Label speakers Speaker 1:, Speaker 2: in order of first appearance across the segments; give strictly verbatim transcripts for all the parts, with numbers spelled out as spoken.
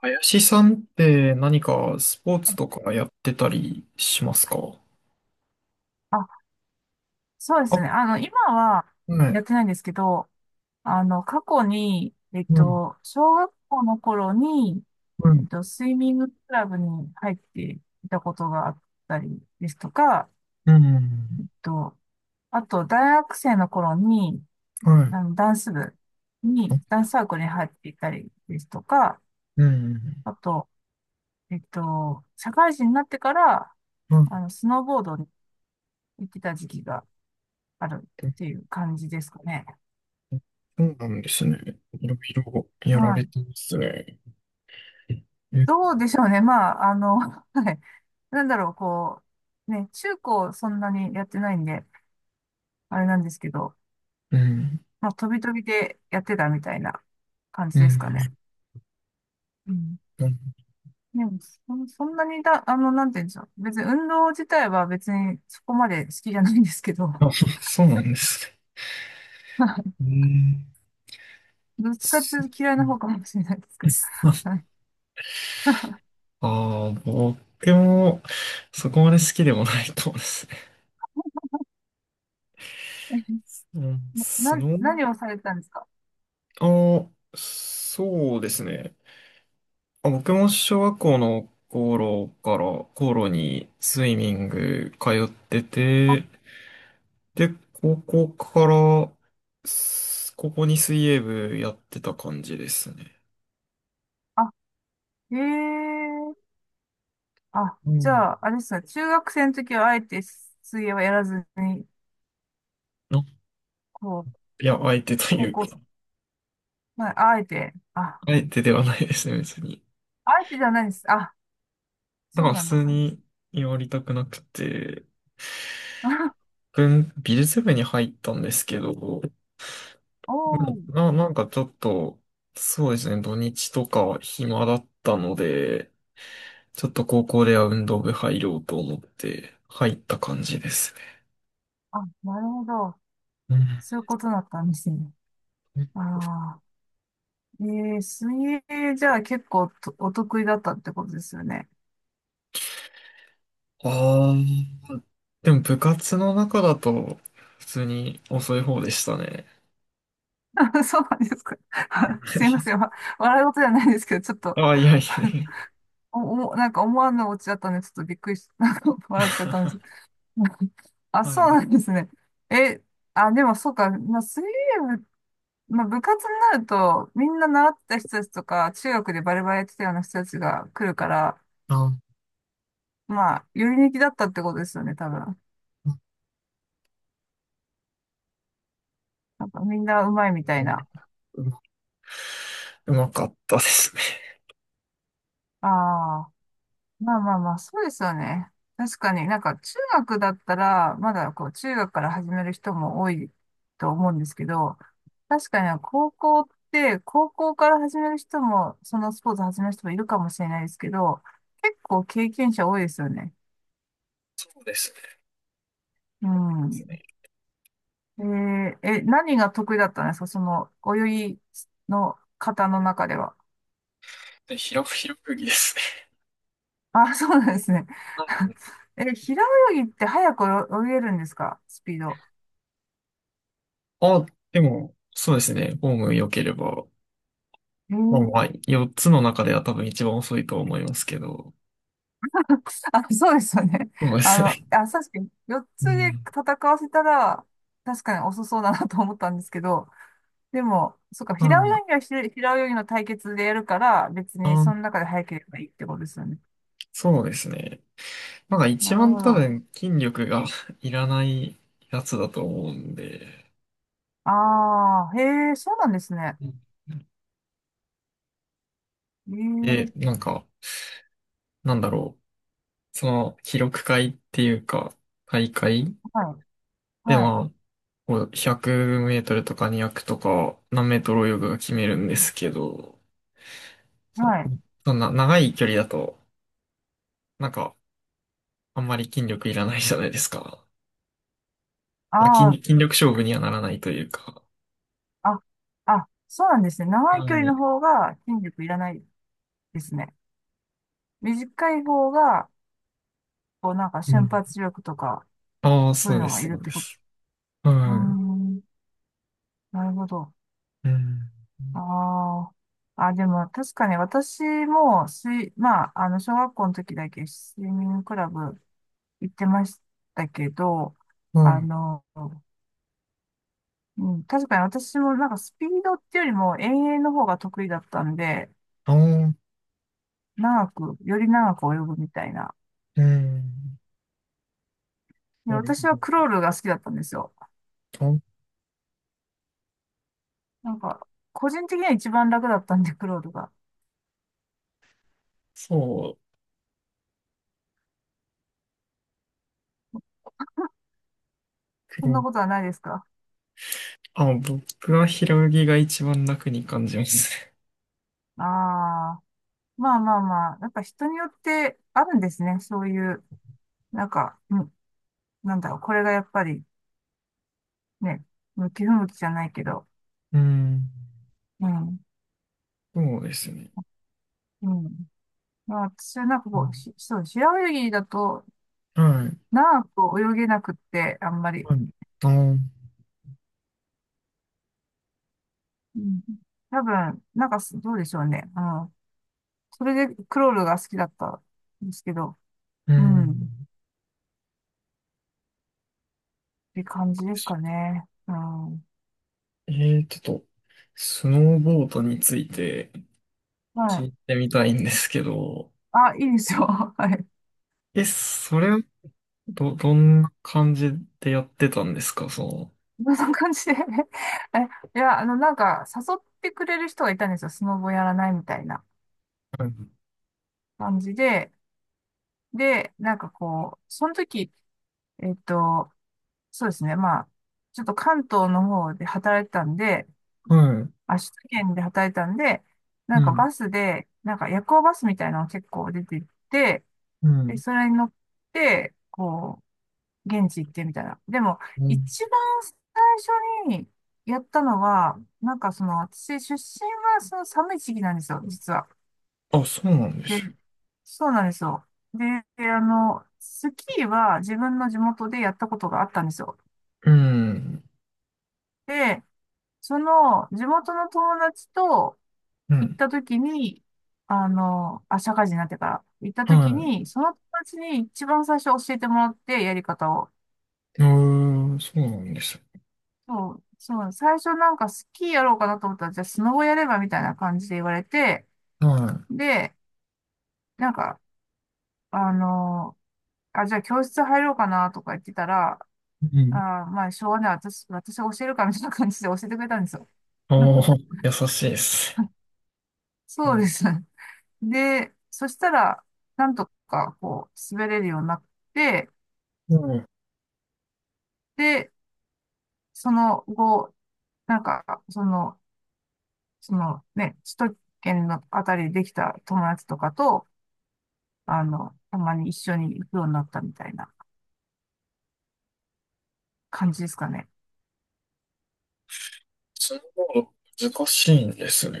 Speaker 1: 林さんって何かスポーツとかやってたりしますか？
Speaker 2: あ、そうで
Speaker 1: あ、
Speaker 2: すね。あの、今は
Speaker 1: は
Speaker 2: や
Speaker 1: い。
Speaker 2: ってないんですけど、あの、過去に、えっ
Speaker 1: うん、
Speaker 2: と、小学校の頃に、
Speaker 1: う
Speaker 2: えっ
Speaker 1: ん、
Speaker 2: と、スイミングクラブに入っていたことがあったりですとか、
Speaker 1: うん。
Speaker 2: えっと、あと、大学生の頃に、
Speaker 1: はい。
Speaker 2: あの、ダンス部に、
Speaker 1: あ、
Speaker 2: ダンスサークルに入っていたりですとか、
Speaker 1: うん、
Speaker 2: あと、えっと、社会人になってから、あ
Speaker 1: は
Speaker 2: の、スノーボードに行ってた時期がある
Speaker 1: い。
Speaker 2: っていう感じですかね。
Speaker 1: そうなんですね。いろいろや
Speaker 2: は
Speaker 1: られ
Speaker 2: い。
Speaker 1: てますね。え、
Speaker 2: どうでしょうね。まあ、あの、はい。なんだろう、こう、ね、中高そんなにやってないんで、あれなんですけど、
Speaker 1: うん、
Speaker 2: まあ、飛び飛びでやってたみたいな感
Speaker 1: う
Speaker 2: じですかね。
Speaker 1: ん、
Speaker 2: うん。
Speaker 1: うん。
Speaker 2: でも、そ、そんなにだ、あの、なんて言うんでしょう。別に運動自体は別にそこまで好きじゃないんですけど、
Speaker 1: あ、そうなんですね。う ん、
Speaker 2: どっちかっていう
Speaker 1: す、
Speaker 2: と嫌いな方かもしれないですけど。はい。
Speaker 1: ああ、ー、僕もそこまで好きでもないかもですね。うん、
Speaker 2: な、
Speaker 1: スノー、
Speaker 2: 何をされてたんですか？
Speaker 1: あ、そうですね。あ、僕も小学校の頃から、頃にスイミング通って
Speaker 2: あ、
Speaker 1: て、で、高校から、す、高校に水泳部やってた感じですね。
Speaker 2: あ、ええ、あ、
Speaker 1: う
Speaker 2: じ
Speaker 1: ん。
Speaker 2: ゃあ、あれですね、中学生の時はあえて水泳はやらずに、
Speaker 1: な、
Speaker 2: こう、
Speaker 1: いや、相手とい
Speaker 2: 高
Speaker 1: う
Speaker 2: 校
Speaker 1: か、
Speaker 2: 生、まあ、あえて、あ、
Speaker 1: 相手ではないですね、別に。
Speaker 2: あえてじゃないです。あ、
Speaker 1: だ
Speaker 2: そ
Speaker 1: か
Speaker 2: う
Speaker 1: ら普
Speaker 2: なんで
Speaker 1: 通
Speaker 2: すね。
Speaker 1: にやりたくなくて、
Speaker 2: あ、
Speaker 1: 文美術部に入ったんですけど、
Speaker 2: お
Speaker 1: うん、
Speaker 2: ー、
Speaker 1: な、なんかちょっと、そうですね、土日とか暇だったので、ちょっと高校では運動部入ろうと思って入った感じですね。
Speaker 2: あ、なるほど。
Speaker 1: うん。
Speaker 2: そういうことだったんですね。ああ、えー、水泳じゃあ結構とお得意だったってことですよね。
Speaker 1: ああ、でも部活の中だと普通に遅い方でしたね。
Speaker 2: そうなんですか。すいません。わ笑い事じゃないですけど、ちょっと
Speaker 1: ああ、いやいやい
Speaker 2: お、おもなんか思わぬオチだったんで、ちょっとびっくりし、なんか笑っちゃったんで
Speaker 1: や。
Speaker 2: す。あ、
Speaker 1: は
Speaker 2: そう
Speaker 1: い。
Speaker 2: なんですね。え、あ、でもそうか、まあ、水泳部、まあ、部活になると、みんな習ってた人たちとか、中学でバレバレやってたような人たちが来るから、
Speaker 1: あ、
Speaker 2: まあ、より抜きだったってことですよね、多分。
Speaker 1: うん。
Speaker 2: なんかみんな上手いみたいな。
Speaker 1: うまうまかったですね。
Speaker 2: ああ。まあまあまあ、そうですよね。確かになんか中学だったら、まだこう中学から始める人も多いと思うんですけど、確かに高校って、高校から始める人も、そのスポーツ始める人もいるかもしれないですけど、結構経験者多いですよね。
Speaker 1: そうですね。
Speaker 2: うん。えーえ、何が得意だったんですかその泳ぎの方の中では？
Speaker 1: で、ひろ、ひろゆきですね。
Speaker 2: あ、そうなんですね。え、平泳ぎって早く泳げるんですかスピード？
Speaker 1: あ、でも、そうですね。ホーム良ければ、
Speaker 2: え
Speaker 1: まあ
Speaker 2: ー
Speaker 1: まあ、よっつの中では多分一番遅いと思いますけど。
Speaker 2: あ、そうですよね。
Speaker 1: そうで
Speaker 2: あ
Speaker 1: す
Speaker 2: の、
Speaker 1: ね。
Speaker 2: あ、確かに、よっつ
Speaker 1: う
Speaker 2: で
Speaker 1: ん。
Speaker 2: 戦わせたら、確かに遅そうだなと思ったんですけど、でも、そっか、平
Speaker 1: は
Speaker 2: 泳
Speaker 1: い。
Speaker 2: ぎはひ平泳ぎの対決でやるから、別に
Speaker 1: あ、
Speaker 2: その中で早ければいいってことですよね。
Speaker 1: そうですね。なんか一
Speaker 2: なる
Speaker 1: 番
Speaker 2: ほ
Speaker 1: 多
Speaker 2: ど。
Speaker 1: 分筋力が いらないやつだと思うんで。
Speaker 2: ああ、へえ、そうなんですね。
Speaker 1: うん。
Speaker 2: ええ、
Speaker 1: で、なんか、なんだろう。その、記録会っていうか、大会
Speaker 2: はい、
Speaker 1: で、
Speaker 2: はい、
Speaker 1: まあ、こうひゃくメートルとかにひゃくとか、何メートル泳ぐが決めるんですけど、そ、
Speaker 2: はい。
Speaker 1: そんな長い距離だと、なんか、あんまり筋力いらないじゃないですか。まあ、筋、
Speaker 2: ああ、
Speaker 1: 筋力勝負にはならないというか。
Speaker 2: あ、あ、そうなんですね。長い
Speaker 1: は
Speaker 2: 距離
Speaker 1: い。
Speaker 2: の方が筋力いらないですね。短い方が、こう、なんか
Speaker 1: う
Speaker 2: 瞬
Speaker 1: ん。
Speaker 2: 発力とか、
Speaker 1: ああ、
Speaker 2: そう
Speaker 1: そ
Speaker 2: いう
Speaker 1: うで
Speaker 2: のがい
Speaker 1: す、
Speaker 2: る
Speaker 1: そ
Speaker 2: っ
Speaker 1: うで
Speaker 2: てこと。
Speaker 1: す。
Speaker 2: うー
Speaker 1: は
Speaker 2: ん、なるほど。
Speaker 1: い。うん。
Speaker 2: ああ。あ、でも確かに私も水、まあ、あの、小学校の時だけスイミングクラブ行ってましたけど、
Speaker 1: は
Speaker 2: あ
Speaker 1: い。
Speaker 2: の、うん、確かに私もなんかスピードっていうよりも遠泳の方が得意だったんで、
Speaker 1: ああ、
Speaker 2: 長く、より長く泳ぐみたいな。
Speaker 1: うん。
Speaker 2: で、
Speaker 1: なる
Speaker 2: 私はクロールが好きだったんですよ。
Speaker 1: ほど。あ、
Speaker 2: なんか、個人的には一番楽だったんで、クロールが。
Speaker 1: そう。け
Speaker 2: そんな
Speaker 1: ど、
Speaker 2: ことはないですか？
Speaker 1: あ、僕は平泳ぎが一番楽に感じますね。
Speaker 2: ああー。まあまあまあ、やっぱ人によってあるんですね。そういう、なんか、うん、なんだろう、これがやっぱりね、向き不向きじゃないけど、
Speaker 1: うん。
Speaker 2: うん、
Speaker 1: そうですね。
Speaker 2: うん。まあ私はなんか
Speaker 1: う
Speaker 2: こう、
Speaker 1: ん。
Speaker 2: し、そう、平泳ぎだと、
Speaker 1: はい。
Speaker 2: 長く泳げなくって、あんまり。
Speaker 1: はい。あー、
Speaker 2: うん、多分、なんかす、どうでしょうね。うん。それでクロールが好きだったんですけど、
Speaker 1: う
Speaker 2: う
Speaker 1: ん。
Speaker 2: ん、って感じですかね。うん。
Speaker 1: えー、ちょっと、スノーボードについて
Speaker 2: は
Speaker 1: 聞い
Speaker 2: い。
Speaker 1: てみたいんですけど、
Speaker 2: あ、いいですよ。はい。
Speaker 1: え、それはど、どんな感じでやってたんですか、その。
Speaker 2: そんな感じで え、いや、あの、なんか、誘ってくれる人がいたんですよ。スノボやらないみたいな
Speaker 1: はい。
Speaker 2: 感じで。で、なんかこう、その時、えっと、そうですね。まあ、ちょっと関東の方で働いてたんで、
Speaker 1: はい、
Speaker 2: あ、首都圏で働いてたんで、な
Speaker 1: う
Speaker 2: んか
Speaker 1: ん。
Speaker 2: バスで、なんか夜行バスみたいなのが結構出てって、
Speaker 1: う
Speaker 2: で、
Speaker 1: ん。
Speaker 2: それに乗って、こう、現地行ってみたいな。でも、
Speaker 1: うん。
Speaker 2: 一番最初にやったのは、なんかその、私出身はその寒い時期なんですよ、実は。
Speaker 1: あ、そうなんで
Speaker 2: で、
Speaker 1: す。
Speaker 2: そうなんですよ。で、あの、スキーは自分の地元でやったことがあったんですよ。
Speaker 1: うん。
Speaker 2: で、その、地元の友達と
Speaker 1: う
Speaker 2: 行っ
Speaker 1: ん。
Speaker 2: た時に、あの、あ、社会人になってから行った時
Speaker 1: は
Speaker 2: に、その友達に一番最初教えてもらって、やり方を。
Speaker 1: い。うーん、そうなんです。
Speaker 2: そう、そう、最初なんかスキーやろうかなと思ったら、じゃあスノボやればみたいな感じで言われて、
Speaker 1: は
Speaker 2: で、なんか、あのーあ、じゃあ教室入ろうかなとか言ってたら、
Speaker 1: い。う
Speaker 2: あ
Speaker 1: ん。
Speaker 2: ー、まあ、しょうがない、私、私が教えるかみたいな感じで教えてくれたんですよ。
Speaker 1: あ あ、優しいです。う
Speaker 2: そう
Speaker 1: ん。
Speaker 2: です。で、そしたら、なんとか、こう、滑れるようになって、
Speaker 1: うん。
Speaker 2: で、その後、なんか、その、そのね、首都圏のあたりでできた友達とかと、あの、たまに一緒に行くようになったみたいな感じですかね。
Speaker 1: スノーボード難しいんですね。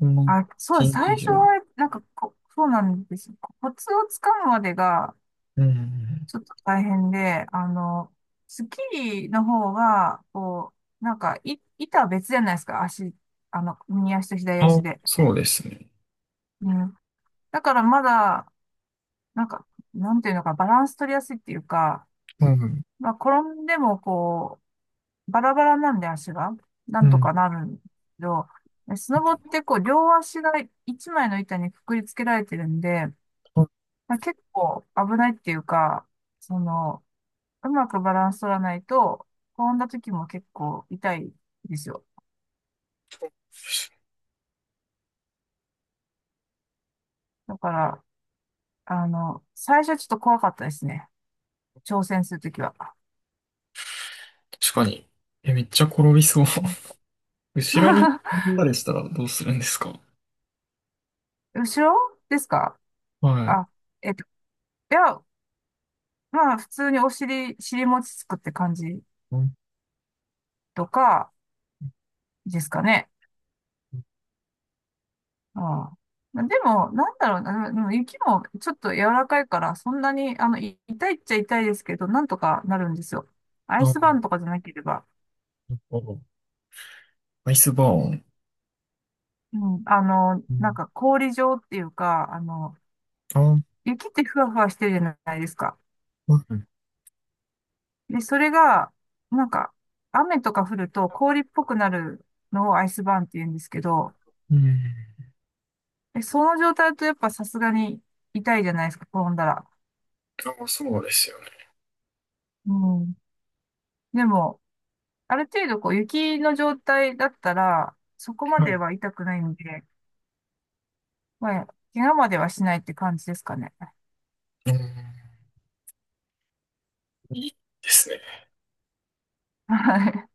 Speaker 1: この
Speaker 2: あ、そうで
Speaker 1: 近
Speaker 2: す。最
Speaker 1: 畿中
Speaker 2: 初
Speaker 1: に。
Speaker 2: は、なんかこ、そうなんですよ。コツをつかむまでが、
Speaker 1: うん。
Speaker 2: ちょっと大変で、あの、スッキリの方が、こう、なんか、い、板は別じゃないですか。足、あの、右足と左足
Speaker 1: あ、
Speaker 2: で。
Speaker 1: そうですね。
Speaker 2: うん。だからまだ、なんか、なんていうのか、バランス取りやすいっていうか、
Speaker 1: うん。
Speaker 2: まあ、転んでも、こバラバラなんで足が、な
Speaker 1: う
Speaker 2: んと
Speaker 1: ん。
Speaker 2: かなるんだけど、でスノボってこう、両足が一枚の板にくくりつけられてるんで、
Speaker 1: あ、
Speaker 2: まあ、結構危ないっていうか、その、うまくバランス取らないと、転んだ時も結構痛いですよ。だから、あの、最初はちょっと怖かったですね。挑戦するときは。
Speaker 1: 確かに。え、めっちゃ転びそう。
Speaker 2: うん
Speaker 1: 後ろに 飛んだりしたらどうするんですか？
Speaker 2: 後ろですか？
Speaker 1: はい。
Speaker 2: あ、えっと、いや、まあ、普通にお尻、尻餅つくって感じ
Speaker 1: うん。
Speaker 2: とかですかね。ああ。までも、なんだろうな、でも雪もちょっと柔らかいから、そんなに、あの、い痛いっちゃ痛いですけど、なんとかなるんですよ。アイ
Speaker 1: なん
Speaker 2: ス
Speaker 1: か、
Speaker 2: バーンとかじゃなければ。
Speaker 1: アイスバーン。
Speaker 2: うん、あの、
Speaker 1: う
Speaker 2: なん
Speaker 1: ん。
Speaker 2: か氷状っていうか、あの、
Speaker 1: あ、うん。
Speaker 2: 雪ってふわふわしてるじゃないですか。で、それが、なんか、雨とか降ると氷っぽくなるのをアイスバーンって言うんですけど、
Speaker 1: うん。
Speaker 2: でその状態だとやっぱさすがに痛いじゃないですか、転んだら。
Speaker 1: あ、そうですよね。
Speaker 2: うん。でも、ある程度こう雪の状態だったら、そこま
Speaker 1: は
Speaker 2: で
Speaker 1: い。
Speaker 2: は痛くないんで、まあ、怪我まではしないって感じですかね。
Speaker 1: うん、いいですね。
Speaker 2: はい。